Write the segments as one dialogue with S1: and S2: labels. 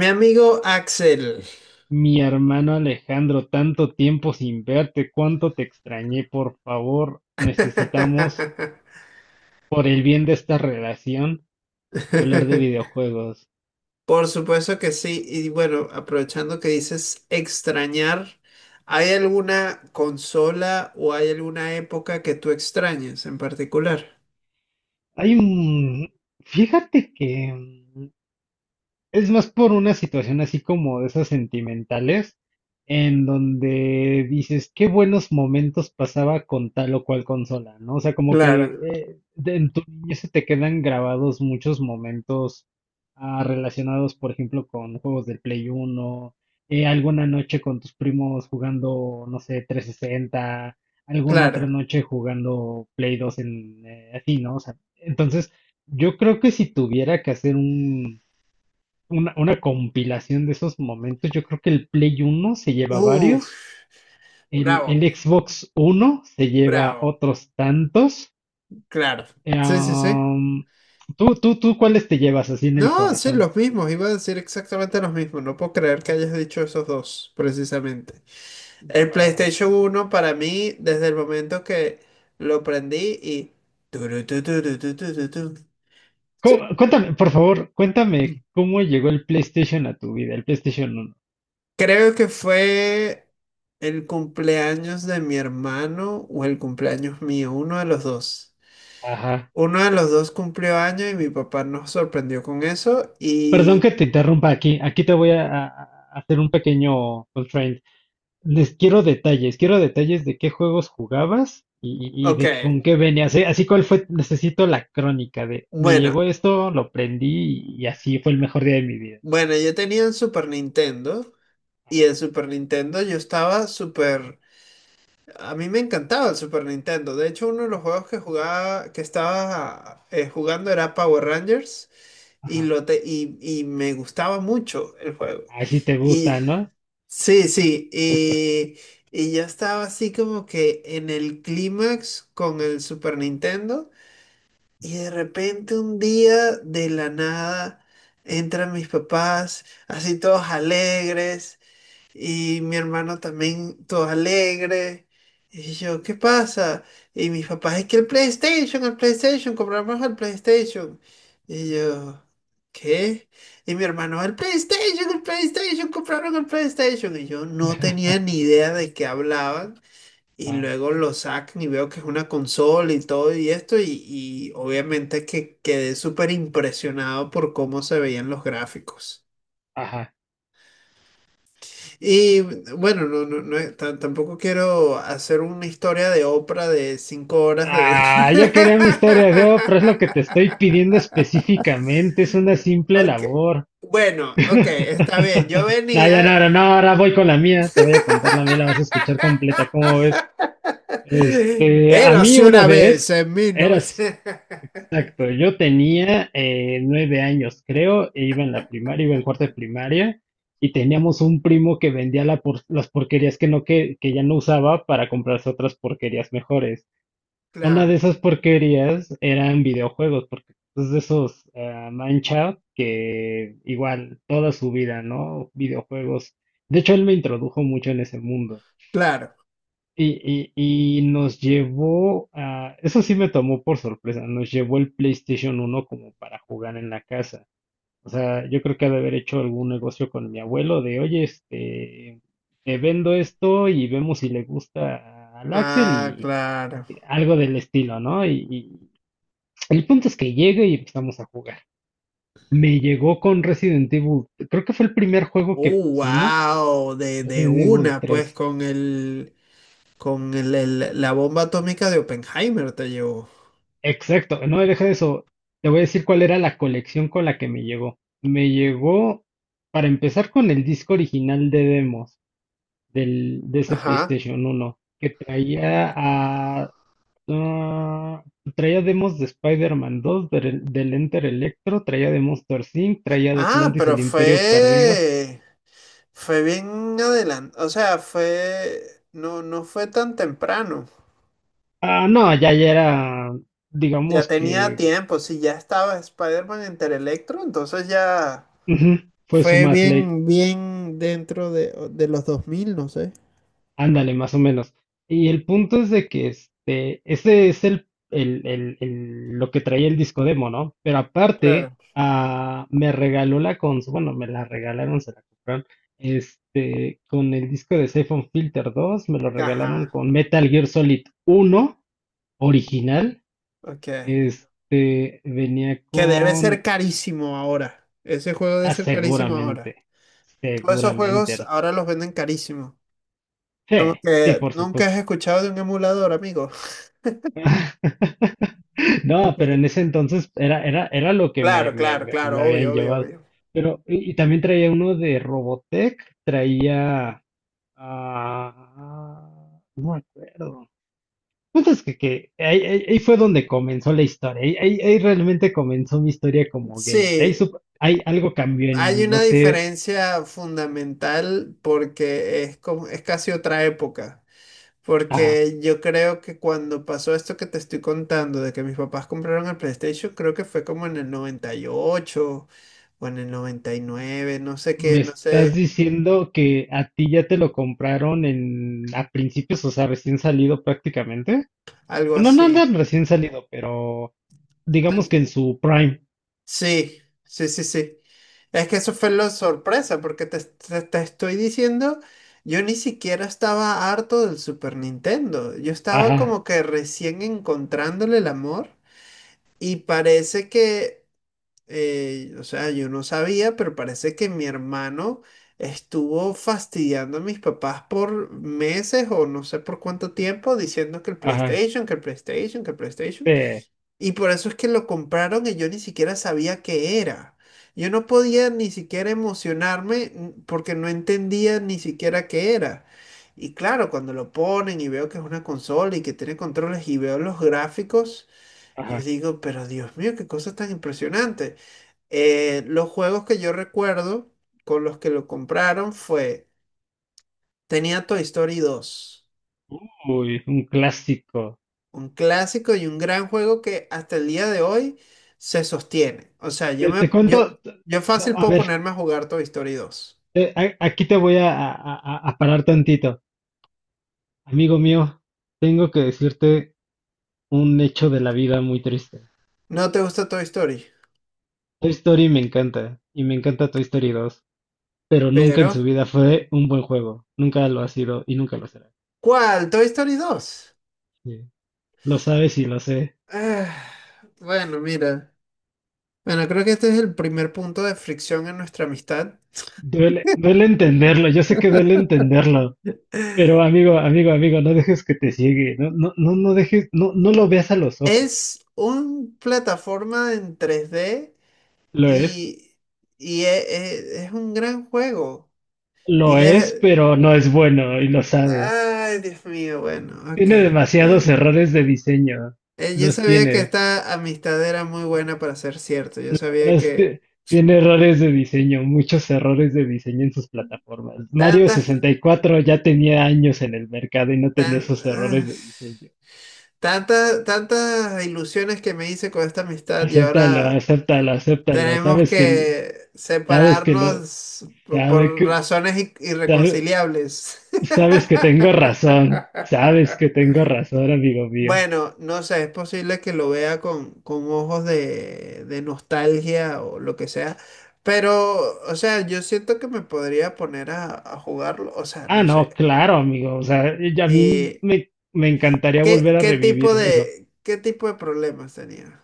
S1: Mi amigo Axel.
S2: Mi hermano Alejandro, tanto tiempo sin verte, cuánto te extrañé, por favor, necesitamos, por el bien de esta relación, hablar de videojuegos.
S1: Por supuesto que sí. Y bueno, aprovechando que dices extrañar, ¿hay alguna consola o hay alguna época que tú extrañes en particular?
S2: Hay un... Fíjate que Es más por una situación así como de esas sentimentales, en donde dices, qué buenos momentos pasaba con tal o cual consola, ¿no? O sea, como que
S1: Claro,
S2: en tu niñez se te quedan grabados muchos momentos relacionados, por ejemplo, con juegos del Play uno. Alguna noche con tus primos jugando, no sé, 360. Alguna otra
S1: claro.
S2: noche jugando Play 2 en, así, ¿no? O sea, entonces, yo creo que si tuviera que hacer una compilación de esos momentos. Yo creo que el Play uno se lleva
S1: Uf,
S2: varios, el
S1: bravo,
S2: Xbox 1 se lleva
S1: bravo.
S2: otros tantos.
S1: Claro.
S2: Eh,
S1: Sí, sí, sí.
S2: um, ¿Cuáles te llevas así en el
S1: No, sí,
S2: corazón?
S1: los mismos. Iba a decir exactamente los mismos. No puedo creer que hayas dicho esos dos, precisamente. El
S2: Ah,
S1: PlayStation uno para mí, desde el momento que lo prendí y turu, tu, tu, tu, tu, tu, tu, tu.
S2: Cuéntame, por favor, cuéntame cómo llegó el PlayStation a tu vida, el PlayStation uno.
S1: Creo que fue el cumpleaños de mi hermano o el cumpleaños mío, uno de los dos.
S2: Ajá.
S1: Uno de los dos cumplió año y mi papá nos sorprendió con eso.
S2: Perdón
S1: Y...
S2: que te interrumpa aquí. Aquí te voy a hacer un pequeño constraint. Les quiero detalles de qué juegos jugabas y
S1: Ok,
S2: de con qué venías. ¿Eh? Así cuál fue, necesito la crónica de me
S1: bueno,
S2: llegó esto, lo prendí y, así fue el mejor día de mi vida.
S1: bueno, yo tenía el Super Nintendo y el Super Nintendo yo estaba súper. A mí me encantaba el Super Nintendo. De hecho, uno de los juegos que jugaba, que estaba jugando era Power Rangers y,
S2: Ajá.
S1: y me gustaba mucho el juego.
S2: Así te
S1: Y
S2: gusta, ¿no?
S1: sí, y yo estaba así como que en el clímax con el Super Nintendo y de repente un día de la nada entran mis papás así todos alegres y mi hermano también, todo alegre. Y yo, ¿qué pasa? Y mis papás, es que el PlayStation, compramos el PlayStation. Y yo, ¿qué? Y mi hermano, el PlayStation, compraron el PlayStation. Y yo no tenía ni idea de qué hablaban. Y
S2: Ah,
S1: luego lo sacan y veo que es una consola y todo y esto. Y obviamente que quedé súper impresionado por cómo se veían los gráficos.
S2: ajá.
S1: Y bueno, tampoco quiero hacer una historia de Oprah de 5 horas de
S2: Ah, yo quería mi historia de oh, pero es lo que te estoy pidiendo específicamente, es una simple
S1: Ok.
S2: labor.
S1: Bueno, ok, está bien. Yo
S2: No, ya no,
S1: venía.
S2: ahora no, ahora voy con la mía, te voy a contar la mía, la vas a escuchar completa, ¿cómo ves? Este, a mí
S1: Érase
S2: una
S1: una vez
S2: vez,
S1: en mil
S2: eras,
S1: novecientos
S2: exacto, yo tenía 9 años, creo, e iba en la primaria, iba en cuarto de primaria, y teníamos un primo que vendía las porquerías que no, que ya no usaba para comprarse otras porquerías mejores. Una de
S1: Claro,
S2: esas porquerías eran videojuegos, porque es de esos mancha que igual toda su vida, ¿no? Videojuegos. De hecho, él me introdujo mucho en ese mundo.
S1: claro.
S2: Y nos llevó eso sí me tomó por sorpresa, nos llevó el PlayStation uno como para jugar en la casa. O sea, yo creo que ha de haber hecho algún negocio con mi abuelo de, oye, este, te vendo esto y vemos si le gusta al Axel
S1: Ah,
S2: y
S1: claro.
S2: algo del estilo, ¿no? Y el punto es que llegue y empezamos a jugar. Me llegó con Resident Evil, creo que fue el primer juego que pusimos,
S1: Wow, de
S2: Resident Evil
S1: una, pues
S2: tres.
S1: con el. Con la bomba atómica de Oppenheimer te llevó.
S2: Exacto, no, deja de eso. Te voy a decir cuál era la colección con la que me llegó. Me llegó, para empezar, con el disco original de demos de ese
S1: Ajá.
S2: PlayStation uno que ah, traía demos de Spider-Man 2, del Enter Electro, traía de Monster Inc., traía de
S1: Ah,
S2: Atlantis
S1: pero
S2: el Imperio Perdido.
S1: fue. Fue bien adelante, o sea, fue, no, no fue tan temprano.
S2: Ah, no, ya, ya era,
S1: Ya
S2: digamos
S1: tenía
S2: que
S1: tiempo, si ya estaba Spider-Man entre Electro, entonces ya.
S2: ujú, fue su
S1: Fue
S2: más late.
S1: bien, bien dentro de los 2000 no sé.
S2: Ándale, más o menos. Y el punto es de que este, ese es lo que traía el disco demo, ¿no? Pero aparte,
S1: Claro.
S2: ah, me regaló la consola, bueno, me la regalaron, se la compraron, este, con el disco de Safe on Filter dos me lo regalaron
S1: Ajá,
S2: con Metal Gear Solid uno original,
S1: ok.
S2: este, venía
S1: Que debe ser
S2: con,
S1: carísimo ahora. Ese juego debe ser carísimo ahora.
S2: seguramente,
S1: Todos esos
S2: seguramente,
S1: juegos
S2: ¿no?
S1: ahora los venden carísimo.
S2: Sí,
S1: Como
S2: sí,
S1: que
S2: por
S1: nunca has
S2: supuesto.
S1: escuchado de un emulador, amigo.
S2: No, pero en ese entonces era lo que me,
S1: Claro,
S2: me,
S1: claro,
S2: me- me
S1: claro, obvio,
S2: habían
S1: obvio,
S2: llevado.
S1: obvio.
S2: Pero, y también traía uno de Robotech, no me acuerdo. Punto es que, que ahí fue donde comenzó la historia. Ahí realmente comenzó mi historia como gamer. Ahí,
S1: Sí,
S2: sup- ahí algo cambió en
S1: hay
S2: mí, no
S1: una
S2: sé.
S1: diferencia fundamental porque es como, es casi otra época.
S2: ah,
S1: Porque yo creo que cuando pasó esto que te estoy contando, de que mis papás compraron el PlayStation, creo que fue como en el 98 o en el 99 no sé qué,
S2: Me
S1: no
S2: estás
S1: sé,
S2: diciendo que a ti ya te lo compraron en a principios, o sea, recién salido prácticamente.
S1: algo
S2: No, no, no,
S1: así.
S2: recién salido, pero. Digamos
S1: Al-
S2: que en su prime.
S1: Sí, sí, sí, sí. Es que eso fue la sorpresa, porque te estoy diciendo, yo ni siquiera estaba harto del Super Nintendo. Yo estaba
S2: Ajá,
S1: como que recién encontrándole el amor y parece que, o sea, yo no sabía, pero parece que mi hermano estuvo fastidiando a mis papás por meses o no sé por cuánto tiempo diciendo que el
S2: ajá,
S1: PlayStation, que el PlayStation, que el PlayStation.
S2: sí,
S1: Y por eso es que lo compraron y yo ni siquiera sabía qué era. Yo no podía ni siquiera emocionarme, porque no entendía ni siquiera qué era. Y claro, cuando lo ponen y veo que es una consola y que tiene controles y veo los gráficos, yo
S2: ajá.
S1: digo, pero Dios mío, qué cosa tan impresionante. Los juegos que yo recuerdo con los que lo compraron fue, tenía Toy Story 2.
S2: Uy, un clásico.
S1: Un clásico y un gran juego que hasta el día de hoy se sostiene. O sea,
S2: Te
S1: yo,
S2: cuento,
S1: yo fácil
S2: a
S1: puedo
S2: ver,
S1: ponerme a jugar Toy Story 2.
S2: aquí te voy a parar tantito. Amigo mío, tengo que decirte un hecho de la vida muy triste.
S1: No te gusta Toy Story,
S2: Toy Story me encanta, y me encanta Toy Story dos, pero nunca en su
S1: pero
S2: vida fue un buen juego. Nunca lo ha sido y nunca lo será.
S1: ¿cuál? Toy Story 2.
S2: Sí, lo sabes y lo sé.
S1: Ah, bueno, mira. Bueno, creo que este es el primer punto de fricción en nuestra amistad.
S2: Duele, duele entenderlo, yo sé que duele entenderlo. Pero amigo, amigo, amigo, no dejes que te ciegue, no, no, no, no dejes, no, no lo veas a los ojos.
S1: Es un plataforma en 3D
S2: Lo es,
S1: y, es un gran juego. Y
S2: lo es,
S1: de-
S2: pero no es bueno y lo sabe.
S1: Ay, Dios mío, bueno, ok,
S2: Tiene
S1: está
S2: demasiados
S1: bien.
S2: errores de diseño,
S1: Yo
S2: los
S1: sabía que
S2: tiene.
S1: esta amistad era muy buena para ser cierto. Yo sabía
S2: Los
S1: que
S2: ti- Tiene errores de diseño, muchos errores de diseño en sus plataformas. Mario
S1: tantas,
S2: 64 ya tenía años en el mercado y no tenía
S1: tan-
S2: esos
S1: ah,
S2: errores de diseño.
S1: tantas, tantas ilusiones que me hice con esta amistad y
S2: Acéptalo,
S1: ahora
S2: acéptalo, acéptalo.
S1: tenemos que
S2: Sabes que lo,
S1: separarnos
S2: sabe
S1: por
S2: que,
S1: razones
S2: sabe-
S1: irreconciliables.
S2: Sabes que tengo razón, sabes que tengo razón, amigo mío.
S1: Bueno, no sé, es posible que lo vea con ojos de nostalgia o lo que sea, pero, o sea, yo siento que me podría poner a jugarlo, o sea,
S2: Ah,
S1: no sé.
S2: no, claro, amigo. O sea, y a mí
S1: ¿Y
S2: me encantaría
S1: qué,
S2: volver a revivir eso.
S1: qué tipo de problemas tenía?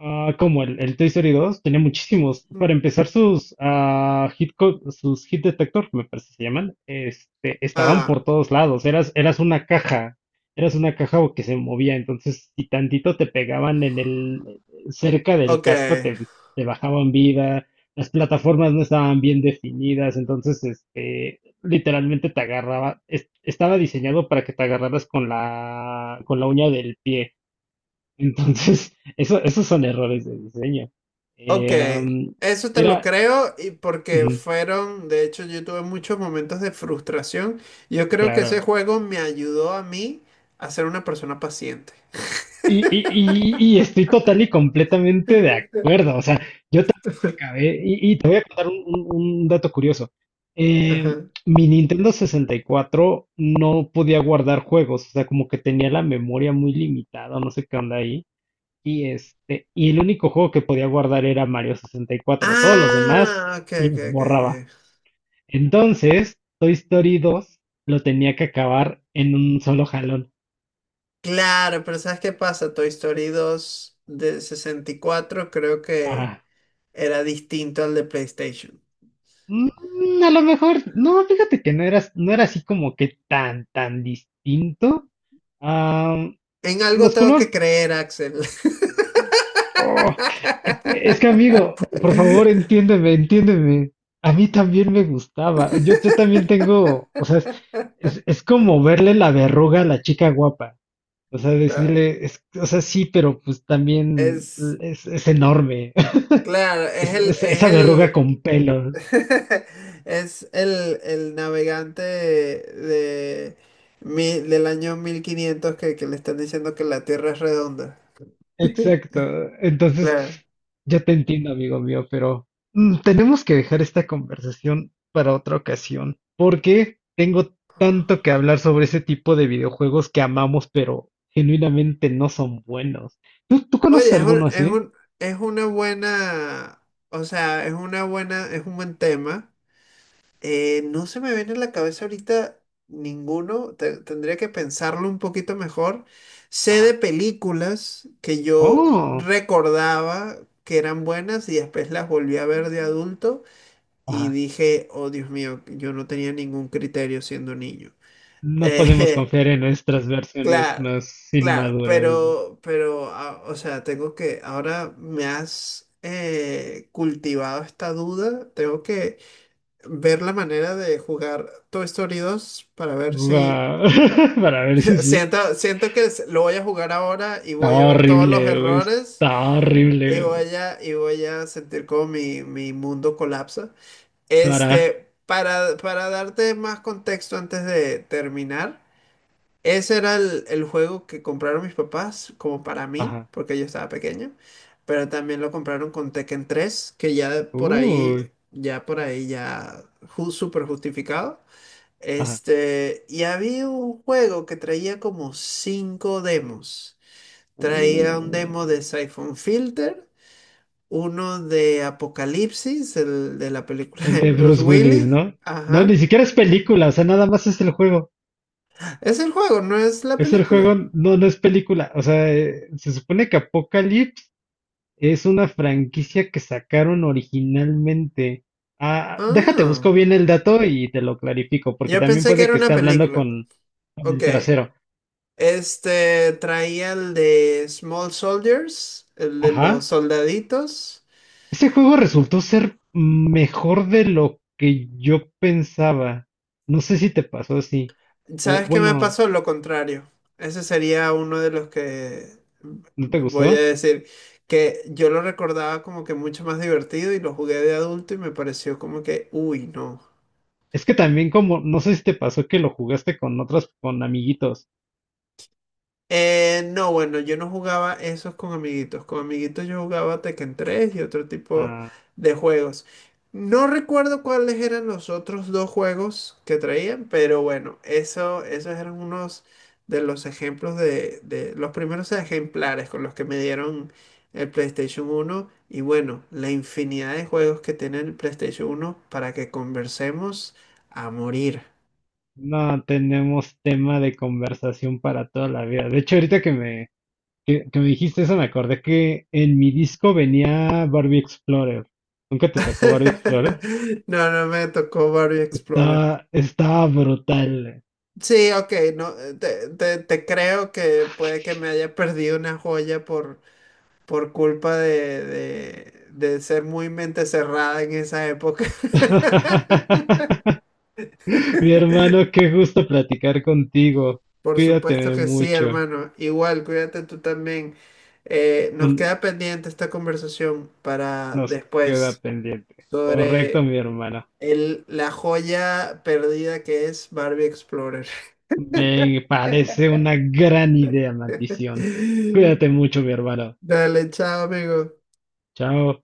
S2: Ah, como el Toy Story 2 tenía muchísimos.
S1: Mm.
S2: Para empezar, sus hit detector, me parece que se llaman, este, estaban por
S1: Ah,
S2: todos lados. Eras una caja que se movía. Entonces, si tantito te pegaban cerca del
S1: ok,
S2: casco, te bajaban vida. Las plataformas no estaban bien definidas. Entonces, este, literalmente te agarraba. Estaba diseñado para que te agarraras con la uña del pie. Entonces, eso, esos son errores de diseño.
S1: ok.
S2: Eh, am,
S1: Eso te lo
S2: era,
S1: creo y porque
S2: ujú,
S1: fueron, de hecho, yo tuve muchos momentos de frustración. Yo creo que ese
S2: claro.
S1: juego me ayudó a mí a ser una persona paciente.
S2: Y estoy total y completamente de acuerdo. O sea, yo también lo acabé. Y te voy a contar un, un dato curioso. Eh,
S1: Ajá.
S2: mi Nintendo 64 no podía guardar juegos. O sea, como que tenía la memoria muy limitada, no sé qué onda ahí. Y este, y el único juego que podía guardar era Mario 64. Todos los demás
S1: Ah, ok, ok,
S2: los
S1: ok.
S2: borraba.
S1: Ok.
S2: Entonces, Toy Story 2 lo tenía que acabar en un solo jalón.
S1: Claro, pero ¿sabes qué pasa? Toy Story 2 de 64, creo que
S2: Ah,
S1: era distinto al de PlayStation.
S2: a lo mejor, no, fíjate que no era, no era así como que tan, tan distinto. Ah,
S1: En algo
S2: los
S1: tengo
S2: colores,
S1: que creer, Axel.
S2: oh, es que amigo, por favor, entiéndeme, entiéndeme. A mí también me gustaba. Yo también tengo, o sea, es como verle la verruga a la chica guapa. O sea,
S1: Claro.
S2: decirle, o sea, sí, pero pues también
S1: Es,
S2: es enorme.
S1: claro,
S2: Es, es-
S1: es
S2: esa verruga
S1: el,
S2: con pelos.
S1: el navegante de, del año 1500 que le están diciendo que la Tierra es redonda.
S2: Exacto. Entonces,
S1: Claro.
S2: yo te entiendo, amigo mío, pero tenemos que dejar esta conversación para otra ocasión, porque tengo tanto que hablar sobre ese tipo de videojuegos que amamos, pero genuinamente no son buenos. ¿Tú conoces
S1: Oye,
S2: alguno así?
S1: es una buena, o sea, es una buena, es un buen tema. No se me viene a la cabeza ahorita ninguno, tendría que pensarlo un poquito mejor. Sé de
S2: Ajá.
S1: películas que yo
S2: Oh,
S1: recordaba que eran buenas y después las volví a ver de adulto y
S2: ajá.
S1: dije, oh Dios mío, yo no tenía ningún criterio siendo niño.
S2: No podemos confiar en nuestras versiones
S1: Claro,
S2: más
S1: claro,
S2: inmaduras.
S1: pero, o sea, tengo que, ahora me has cultivado esta duda, tengo que ver la manera de jugar Toy Story 2 para ver si,
S2: Va- Para ver si sí.
S1: siento que lo voy a jugar ahora y voy a
S2: Estaba
S1: ver todos los
S2: horrible, güey.
S1: errores
S2: Estaba horrible, güey.
S1: y voy a sentir como mi mundo colapsa.
S2: Para.
S1: Este, para darte más contexto antes de terminar. Ese era el juego que compraron mis papás, como para mí,
S2: Ajá.
S1: porque yo estaba pequeño. Pero también lo compraron con Tekken 3 que ya por ahí,
S2: Uy.
S1: ya por ahí, ya súper justificado.
S2: Ajá.
S1: Este, y había un juego que traía como 5 demos.
S2: Uh,
S1: Traía un demo de Siphon Filter, uno de Apocalipsis, el de la película
S2: El
S1: de
S2: de
S1: Bruce
S2: Bruce Willis,
S1: Willis.
S2: ¿no? No, ni
S1: Ajá.
S2: siquiera es película, o sea, nada más es el juego.
S1: Es el juego, no es la
S2: Es el juego,
S1: película.
S2: no, no es película. O sea, se supone que Apocalypse es una franquicia que sacaron originalmente. Ah, déjate,
S1: Ah.
S2: busco bien el dato y te lo clarifico, porque
S1: Yo
S2: también
S1: pensé que
S2: puede
S1: era
S2: que
S1: una
S2: esté hablando
S1: película.
S2: con
S1: Ok.
S2: el trasero.
S1: Este traía el de Small Soldiers, el de los
S2: Ajá.
S1: soldaditos.
S2: Ese juego resultó ser mejor de lo que yo pensaba. No sé si te pasó así. O
S1: ¿Sabes qué me
S2: bueno,
S1: pasó? Lo contrario. Ese sería uno de los que
S2: ¿no te
S1: v- voy a
S2: gustó?
S1: decir que yo lo recordaba como que mucho más divertido y lo jugué de adulto y me pareció como que, uy, no.
S2: Es que también como, no sé si te pasó que lo jugaste con otras, con amiguitos.
S1: No, bueno, yo no jugaba esos con amiguitos. Con amiguitos yo jugaba Tekken 3 y otro tipo
S2: Ah,
S1: de juegos. No recuerdo cuáles eran los otros dos juegos que traían, pero bueno, eso, esos eran unos de los ejemplos de los primeros ejemplares con los que me dieron el PlayStation uno. Y bueno, la infinidad de juegos que tiene el PlayStation uno para que conversemos a morir.
S2: no tenemos tema de conversación para toda la vida. De hecho, ahorita que que me dijiste eso, me acordé que en mi disco venía Barbie Explorer. ¿Nunca te tocó Barbie Explorer?
S1: No, no me tocó Mario Explorer.
S2: Estaba brutal.
S1: Sí, ok, no, te creo que puede que me haya perdido una joya por culpa de ser muy mente cerrada en esa época.
S2: Mi hermano, qué gusto platicar contigo.
S1: Por supuesto
S2: Cuídate
S1: que sí,
S2: mucho.
S1: hermano. Igual, cuídate tú también. Nos queda
S2: Un-
S1: pendiente esta conversación para
S2: Nos queda
S1: después
S2: pendiente. Correcto,
S1: sobre
S2: mi hermano.
S1: el, la joya perdida que es Barbie Explorer.
S2: Me parece una gran idea, maldición. Cuídate mucho, mi hermano.
S1: Dale, chao, amigo.
S2: Chao.